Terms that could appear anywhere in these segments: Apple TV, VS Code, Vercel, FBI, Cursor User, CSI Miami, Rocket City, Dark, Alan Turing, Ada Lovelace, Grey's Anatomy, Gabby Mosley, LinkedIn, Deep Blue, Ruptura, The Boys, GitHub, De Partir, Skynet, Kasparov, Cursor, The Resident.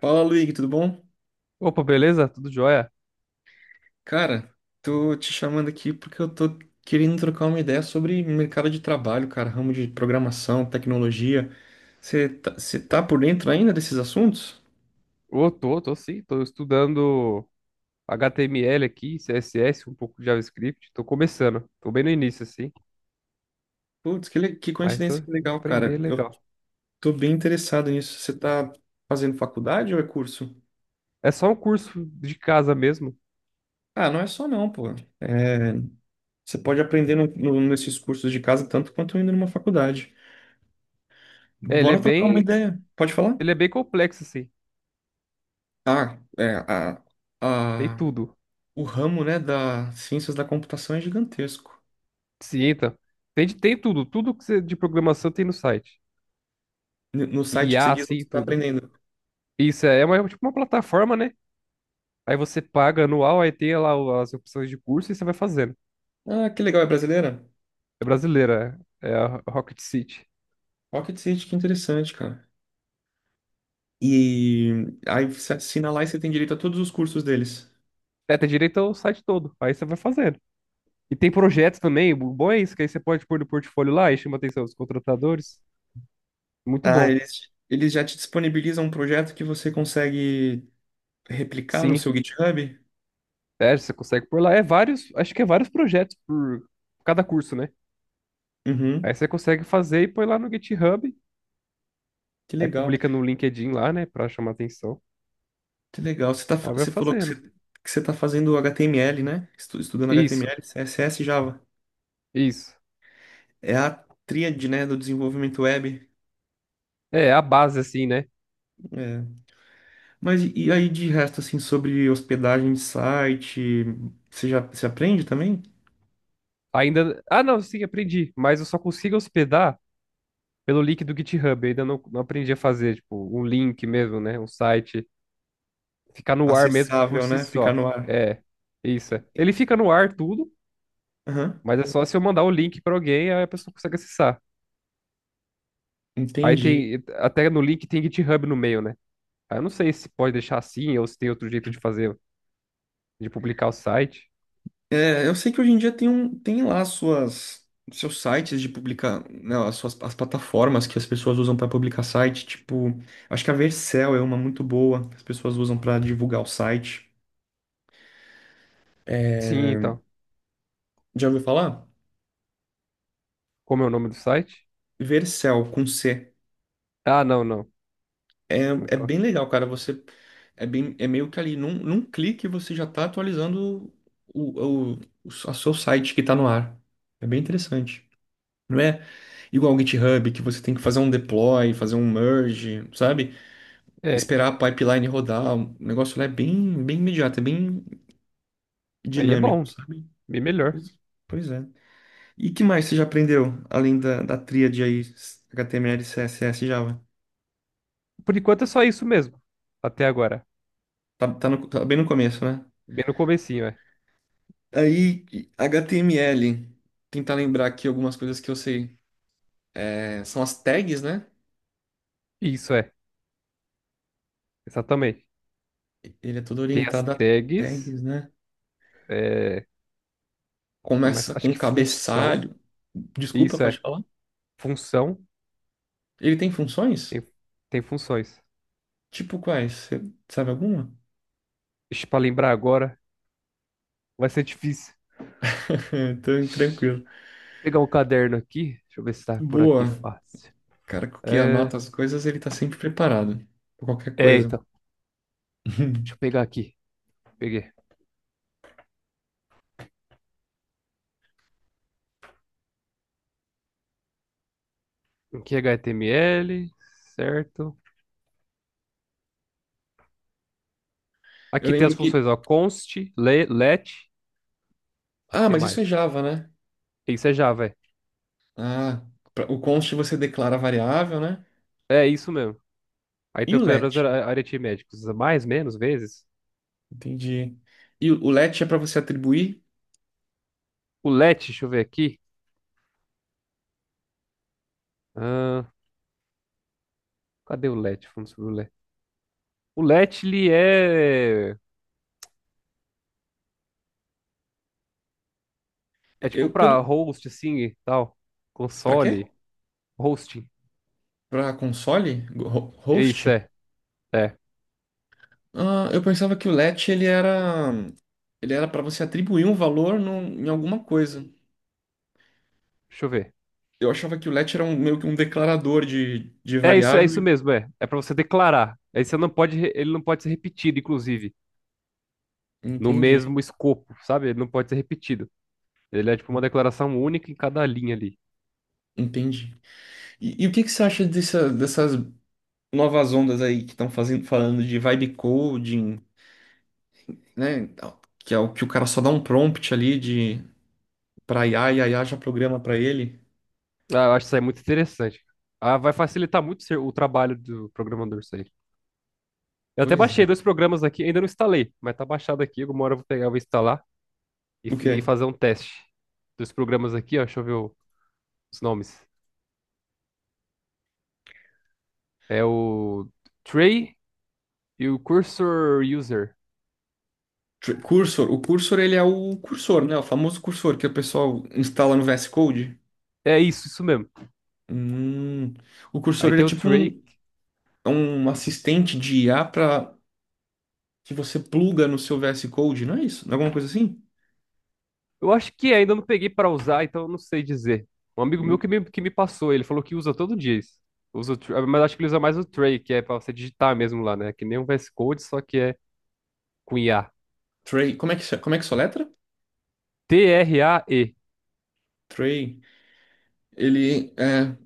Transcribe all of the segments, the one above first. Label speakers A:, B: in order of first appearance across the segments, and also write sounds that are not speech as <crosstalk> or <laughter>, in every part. A: Fala, Luigi, tudo bom?
B: Opa, beleza? Tudo jóia?
A: Cara, tô te chamando aqui porque eu tô querendo trocar uma ideia sobre mercado de trabalho, cara, ramo de programação, tecnologia. Você tá por dentro ainda desses assuntos?
B: Ô, tô sim, tô estudando HTML aqui, CSS, um pouco de JavaScript, tô começando, tô bem no início, assim,
A: Putz, que
B: mas tô
A: coincidência
B: vou
A: legal,
B: aprender é
A: cara. Eu
B: legal.
A: tô bem interessado nisso. Você tá fazendo faculdade ou é curso?
B: É só um curso de casa mesmo.
A: Ah, não é só não, pô. É, você pode aprender nesses cursos de casa tanto quanto indo numa faculdade.
B: É, ele é
A: Bora trocar uma
B: bem,
A: ideia. Pode falar?
B: ele é bem complexo, assim,
A: Ah, é, a,
B: tem
A: a,
B: tudo.
A: O ramo, né, das ciências da computação é gigantesco.
B: Cienta, tem tudo, tudo que você, de programação tem no site.
A: No site que você
B: IA,
A: diz onde
B: assim,
A: você está
B: tudo.
A: aprendendo.
B: Isso é uma, tipo uma plataforma, né? Aí você paga anual, aí tem lá as opções de curso e você vai fazendo.
A: Ah, que legal, é brasileira?
B: É brasileira, é a Rocket City.
A: Rocket City, que interessante, cara. E aí você assina lá e você tem direito a todos os cursos deles.
B: Seta direita, é, tem direito o site todo. Aí você vai fazendo. E tem projetos também. O bom é isso, que aí você pode pôr no portfólio lá e chama a atenção dos contratadores. Muito
A: Ah,
B: bom.
A: eles já te disponibilizam um projeto que você consegue replicar no
B: Sim.
A: seu GitHub?
B: É, você consegue pôr lá. É vários, acho que é vários projetos por cada curso, né? Aí
A: Uhum,
B: você consegue fazer e põe lá no GitHub.
A: que
B: Aí
A: legal,
B: publica no LinkedIn lá, né? Pra chamar atenção.
A: que legal. Você, tá, fa-
B: Aí vai
A: você falou
B: fazendo.
A: que você tá fazendo HTML, né? Estudando
B: Isso,
A: HTML, CSS e Java.
B: isso.
A: É a tríade, né, do desenvolvimento web.
B: É, a base, assim, né?
A: É. Mas e aí de resto, assim, sobre hospedagem de site, você aprende também?
B: Ainda. Ah, não, sim, aprendi. Mas eu só consigo hospedar pelo link do GitHub. Eu ainda não aprendi a fazer, tipo, um link mesmo, né? Um site. Ficar no ar mesmo por
A: Acessável,
B: si
A: né? Ficar
B: só.
A: no ar.
B: É, isso. É. Ele fica no ar tudo,
A: Aham.
B: mas é só se eu mandar o link pra alguém, aí a pessoa consegue acessar. Aí
A: Entendi.
B: tem, até no link tem GitHub no meio, né? Aí eu não sei se pode deixar assim ou se tem outro jeito de fazer, de publicar o site.
A: É, eu sei que hoje em dia tem lá suas seus sites de publicar, né, as plataformas que as pessoas usam para publicar site, tipo, acho que a Vercel é uma muito boa que as pessoas usam para divulgar o site.
B: Sim, então.
A: Já ouviu falar?
B: Como é o nome do site?
A: Vercel com C.
B: Ah, não, não.
A: É, é bem
B: Nunca.
A: legal, cara. Você é bem, é meio que ali num clique você já tá atualizando o, o, o, a seu site que tá no ar. É bem interessante. Não é igual o GitHub que você tem que fazer um deploy, fazer um merge, sabe?
B: É,
A: Esperar a pipeline rodar. O negócio lá é bem, bem imediato, é bem
B: aí é
A: dinâmico,
B: bom,
A: sabe?
B: bem melhor.
A: Pois, pois é. E que mais você já aprendeu além da tríade aí HTML, CSS e Java?
B: Por enquanto é só isso mesmo, até agora.
A: Tá, tá bem no começo, né?
B: Bem no comecinho, é.
A: Aí, HTML. Tentar lembrar aqui algumas coisas que eu sei. É, são as tags, né?
B: Isso é, exatamente.
A: Ele é todo
B: Tem as
A: orientado a
B: tags,
A: tags, né?
B: é, que mais?
A: Começa
B: Acho
A: com
B: que função.
A: cabeçalho. Desculpa,
B: Isso
A: pode
B: é
A: falar?
B: função,
A: Ele tem funções?
B: tem, tem funções.
A: Tipo quais? Você sabe alguma?
B: Deixa pra lembrar agora, vai ser difícil.
A: <laughs> É, tranquilo.
B: Pegar um caderno aqui, deixa eu ver se tá por aqui
A: Boa.
B: fácil.
A: Cara que
B: É,
A: anota as coisas, ele tá sempre preparado. Pra qualquer coisa.
B: então, deixa eu
A: <laughs>
B: pegar aqui. Peguei. Aqui é HTML, certo?
A: Eu
B: Aqui tem
A: lembro
B: as
A: que.
B: funções, ó, const, let,
A: Ah,
B: que
A: mas isso
B: mais?
A: é Java, né?
B: Isso é Java, é.
A: Ah, o const você declara a variável, né?
B: É isso mesmo. Aí
A: E
B: tem
A: o let?
B: operadores aritméticos, mais, menos, vezes.
A: Entendi. E o LET é para você atribuir?
B: O let, deixa eu ver aqui. Ah, cadê o let? Vamos sobre o let. O let, ele é tipo
A: Eu
B: pra
A: pelo
B: host, assim, e tal.
A: para quê?
B: Console, hosting.
A: Para console?
B: É isso,
A: Host?
B: é. É.
A: Ah, eu pensava que o LET ele era para você atribuir um valor em alguma coisa.
B: Deixa eu ver.
A: Eu achava que o LET era meio que um declarador de
B: É
A: variável.
B: isso mesmo, é. É pra você declarar. Aí você não pode, ele não pode ser repetido, inclusive, no
A: Entendi,
B: mesmo escopo, sabe? Ele não pode ser repetido. Ele é tipo uma declaração única em cada linha ali.
A: entendi. E o que que você acha dessas novas ondas aí que estão fazendo falando de vibe coding, né? Que é o que o cara só dá um prompt ali de para IA e a IA já programa para ele?
B: Ah, eu acho isso aí muito interessante. Ah, vai facilitar muito o trabalho do programador isso aí. Eu até
A: Pois é.
B: baixei dois programas aqui, ainda não instalei, mas tá baixado aqui. Alguma hora eu vou pegar, eu vou instalar
A: O
B: e
A: quê?
B: fazer um teste dos programas aqui, ó. Deixa eu ver os nomes. É o tray e o Cursor User.
A: Cursor, o cursor ele é o cursor, né? O famoso cursor que o pessoal instala no VS Code.
B: É isso, isso mesmo.
A: Hum. O cursor
B: Aí
A: ele é
B: tem o
A: tipo
B: tray.
A: um, é um assistente de IA para que você pluga no seu VS Code, não é isso? Não é alguma coisa assim?
B: Eu acho que ainda não peguei pra usar, então eu não sei dizer. Um amigo meu que me passou, ele falou que usa todo dia isso. Usa o Trey, mas acho que ele usa mais o tray, que é pra você digitar mesmo lá, né? Que nem um VS Code, só que é com IA.
A: Tray, como é que se- como é que soletra?
B: Trae.
A: Tray, ele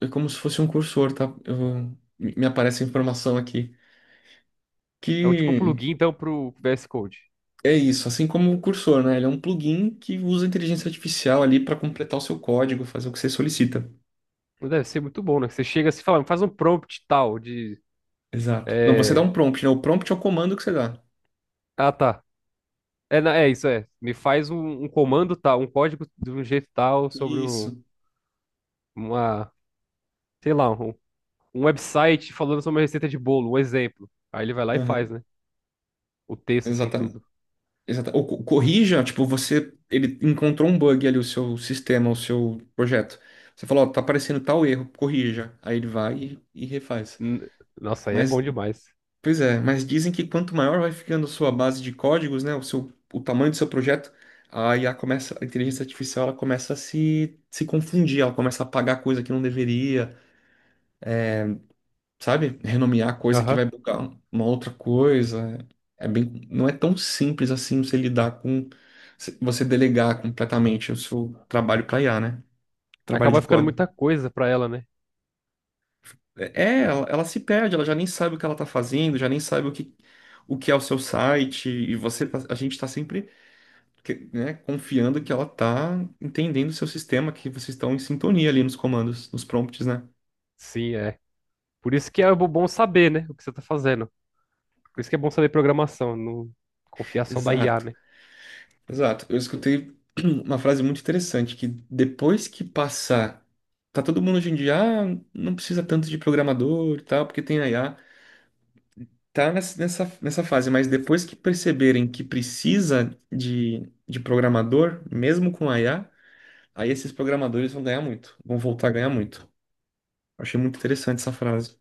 A: é como se fosse um cursor, tá? Me aparece a informação aqui
B: É um tipo um
A: que
B: plugin, então, pro VS Code.
A: é isso, assim como o cursor, né? Ele é um plugin que usa a inteligência artificial ali para completar o seu código, fazer o que você solicita.
B: Deve ser muito bom, né? Que você chega assim e fala, faz um prompt tal de.
A: Exato. Não, você dá
B: É,
A: um prompt, né? O prompt é o comando que você dá.
B: ah, tá. É, é isso, é. Me faz um comando tal, um código de um jeito tal sobre
A: Isso.
B: uma, sei lá, um website falando sobre uma receita de bolo, um exemplo. Aí ele vai lá e faz,
A: Aham.
B: né? O texto, assim,
A: Exatamente.
B: tudo.
A: Exata. Ou corrija, tipo, você ele encontrou um bug ali, o seu sistema, o seu projeto. Você falou, ó, tá aparecendo tal erro, corrija. Aí ele vai e refaz.
B: N- Nossa, aí é bom
A: Mas,
B: demais.
A: pois é, mas dizem que quanto maior vai ficando a sua base de códigos, né, o seu, o tamanho do seu projeto, a IA começa, a inteligência artificial, ela começa a se confundir, ela começa a apagar coisa que não deveria, sabe? Renomear coisa que vai
B: Aham.
A: bugar uma outra coisa. É bem, não é tão simples assim você lidar com, você delegar completamente o seu trabalho para IA, né? Trabalho de
B: Acaba ficando muita
A: código.
B: coisa pra ela, né?
A: Ela se perde, ela já nem sabe o que ela tá fazendo, já nem sabe o que é o seu site, e você, a gente tá sempre, né, confiando que ela tá entendendo o seu sistema, que vocês estão em sintonia ali nos comandos, nos prompts, né?
B: Sim, é. Por isso que é bom saber, né? O que você tá fazendo. Por isso que é bom saber programação, não confiar só na IA,
A: Exato.
B: né?
A: Exato. Eu escutei <clears throat> uma frase muito interessante que depois que passar, tá todo mundo hoje em dia, ah, não precisa tanto de programador e tal, porque tem a IA. Tá nessa fase, mas depois que perceberem que precisa de programador, mesmo com a IA, aí esses programadores vão ganhar muito, vão voltar a ganhar muito. Eu achei muito interessante essa frase,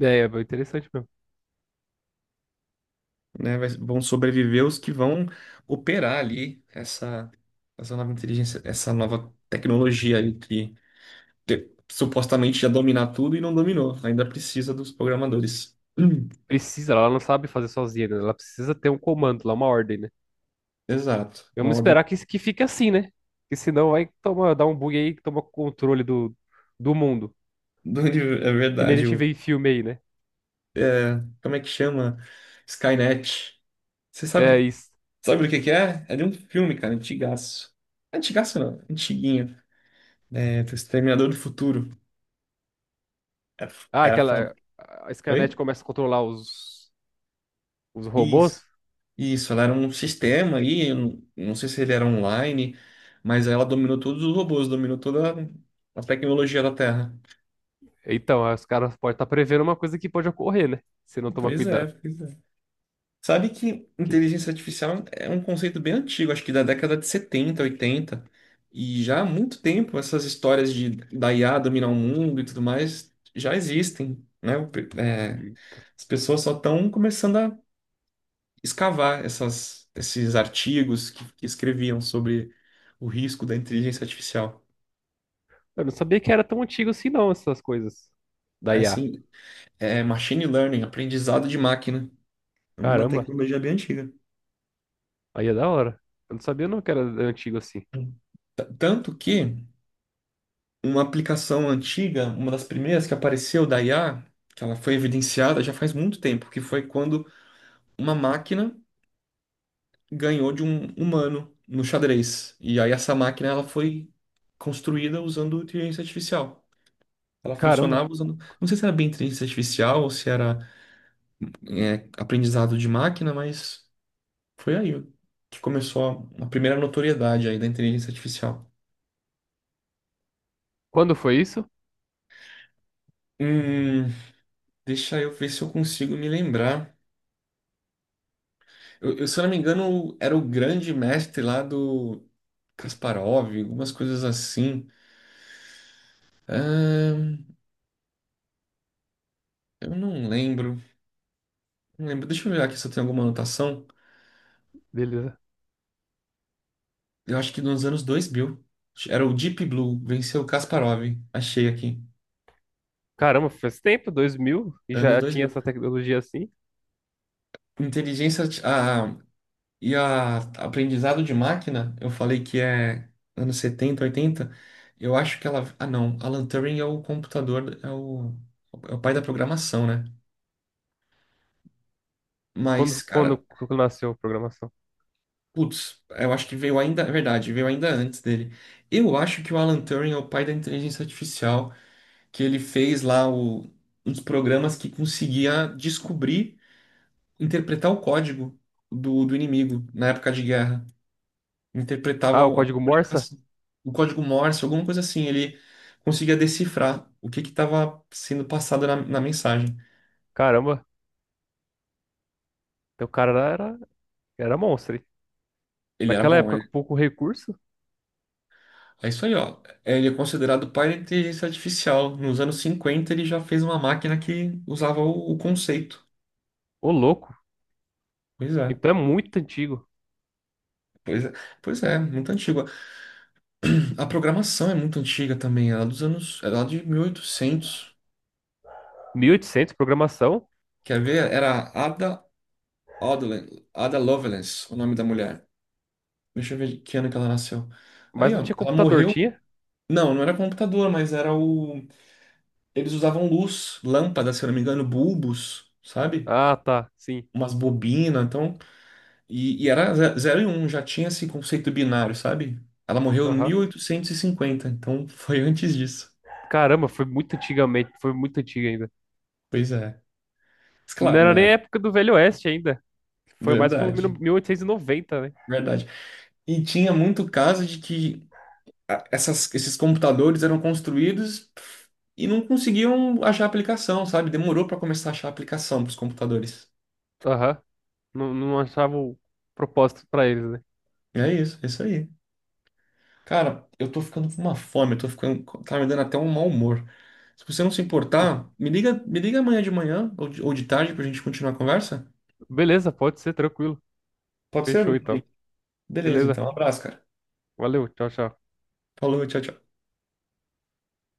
B: É, interessante mesmo.
A: né? Vão sobreviver os que vão operar ali essa nova inteligência, essa nova tecnologia ali supostamente já dominar tudo e não dominou. Ainda precisa dos programadores. <clears throat>
B: Precisa, ela não sabe fazer sozinha, né? Ela precisa ter um comando lá, uma ordem, né?
A: Exato. Uma
B: Vamos
A: ordem
B: esperar que fique assim, né? Porque senão vai tomar, dar um bug aí que toma controle do mundo.
A: do <laughs> universo. É
B: Que nem a
A: verdade.
B: gente
A: O,
B: vê em filme aí, né?
A: como é que chama? Skynet. Você
B: É isso.
A: sabe do que é? É de um filme, cara, antigaço. Antigaço não, antiguinho. É, do Exterminador do Futuro. Era,
B: Ah,
A: era foda.
B: aquela. A
A: Oi?
B: Skynet começa a controlar os robôs.
A: Isso. Isso, ela era um sistema aí, eu não sei se ele era online, mas ela dominou todos os robôs, dominou toda a tecnologia da Terra.
B: Então, aí os caras podem estar prevendo uma coisa que pode ocorrer, né? Se não tomar
A: Pois é,
B: cuidado.
A: pois é. Sabe que
B: Que-
A: inteligência artificial é um conceito bem antigo, acho que da década de 70 80 e já há muito tempo essas histórias de da IA dominar o mundo e tudo mais já existem, né? As pessoas só estão começando a escavar essas, esses artigos que escreviam sobre o risco da inteligência artificial.
B: eu não sabia que era tão antigo assim, não, essas coisas da
A: É
B: IA.
A: assim, é machine learning, aprendizado de máquina. É uma
B: Caramba,
A: tecnologia bem antiga.
B: aí é da hora. Eu não sabia não que era antigo assim.
A: Tanto que uma aplicação antiga, uma das primeiras que apareceu da IA, que ela foi evidenciada já faz muito tempo, que foi quando uma máquina ganhou de um humano no xadrez. E aí essa máquina ela foi construída usando inteligência artificial. Ela
B: Caramba,
A: funcionava usando, não sei se era bem inteligência artificial ou se era aprendizado de máquina, mas foi aí que começou a primeira notoriedade aí da inteligência artificial.
B: quando foi isso?
A: Hum, deixa eu ver se eu consigo me lembrar. Se eu não me engano, era o grande mestre lá do Kasparov, algumas coisas assim. Ahn, eu não lembro. Não lembro. Deixa eu ver aqui se eu tenho alguma anotação.
B: Beleza.
A: Eu acho que nos anos 2000. Era o Deep Blue, venceu o Kasparov. Achei aqui.
B: Caramba, faz tempo, 2000 e
A: Anos
B: já tinha
A: 2000.
B: essa tecnologia assim?
A: Inteligência arti- a, e a, aprendizado de máquina, eu falei que é anos 70, 80. Eu acho que ela. Ah, não. Alan Turing é o computador, é o pai da programação, né? Mas,
B: Quando, quando,
A: cara,
B: quando nasceu a programação?
A: putz, eu acho que veio ainda, é verdade, veio ainda antes dele. Eu acho que o Alan Turing é o pai da inteligência artificial, que ele fez lá o, uns programas que conseguia descobrir, interpretar o código do inimigo na época de guerra. Interpretava
B: Ah, o
A: a
B: código Morse?
A: comunicação, o código Morse, alguma coisa assim. Ele conseguia decifrar o que que estava sendo passado na mensagem.
B: Caramba, então o cara era monstro, hein?
A: Ele era
B: Naquela
A: bom.
B: época, com pouco recurso?
A: É isso aí, ó. Ele é considerado pai da inteligência artificial. Nos anos 50, ele já fez uma máquina que usava o conceito.
B: Ô, louco.
A: Pois é.
B: Então é muito antigo.
A: Pois é, pois é, muito antiga. A programação é muito antiga também, ela é dos anos, ela é lá de 1800.
B: 1800 programação,
A: Quer ver? Era Ada Lovelace, o nome da mulher. Deixa eu ver de que ano que ela nasceu.
B: mas
A: Aí,
B: não
A: ó,
B: tinha
A: ela
B: computador,
A: morreu.
B: tinha?
A: Não, não era computador, mas era o. Eles usavam luz, lâmpadas, se eu não me engano, bulbos, sabe?
B: Ah, tá, sim.
A: Umas bobinas, então e era zero e um, já tinha esse conceito binário, sabe? Ela morreu em mil
B: Aham.
A: oitocentos e cinquenta, então <laughs> foi antes disso.
B: Caramba, foi muito antigamente, foi muito antigo ainda.
A: Pois é. Mas
B: Não
A: claro,
B: era nem
A: né?
B: a época do Velho Oeste ainda. Foi mais pro
A: Verdade,
B: 1890, né?
A: verdade. E tinha muito caso de que esses computadores eram construídos e não conseguiam achar a aplicação, sabe? Demorou para começar a achar a aplicação para os computadores.
B: Aham. Não, não achava o propósito pra eles, né?
A: É isso aí. Cara, eu tô ficando com uma fome, eu tô ficando, tá me dando até um mau humor. Se você não se importar, me liga amanhã de manhã ou ou de tarde pra gente continuar a conversa.
B: Beleza, pode ser, tranquilo.
A: Pode
B: Fechou
A: ser?
B: então.
A: Beleza,
B: Beleza.
A: então. Um abraço, cara.
B: Valeu, tchau, tchau.
A: Falou, tchau, tchau.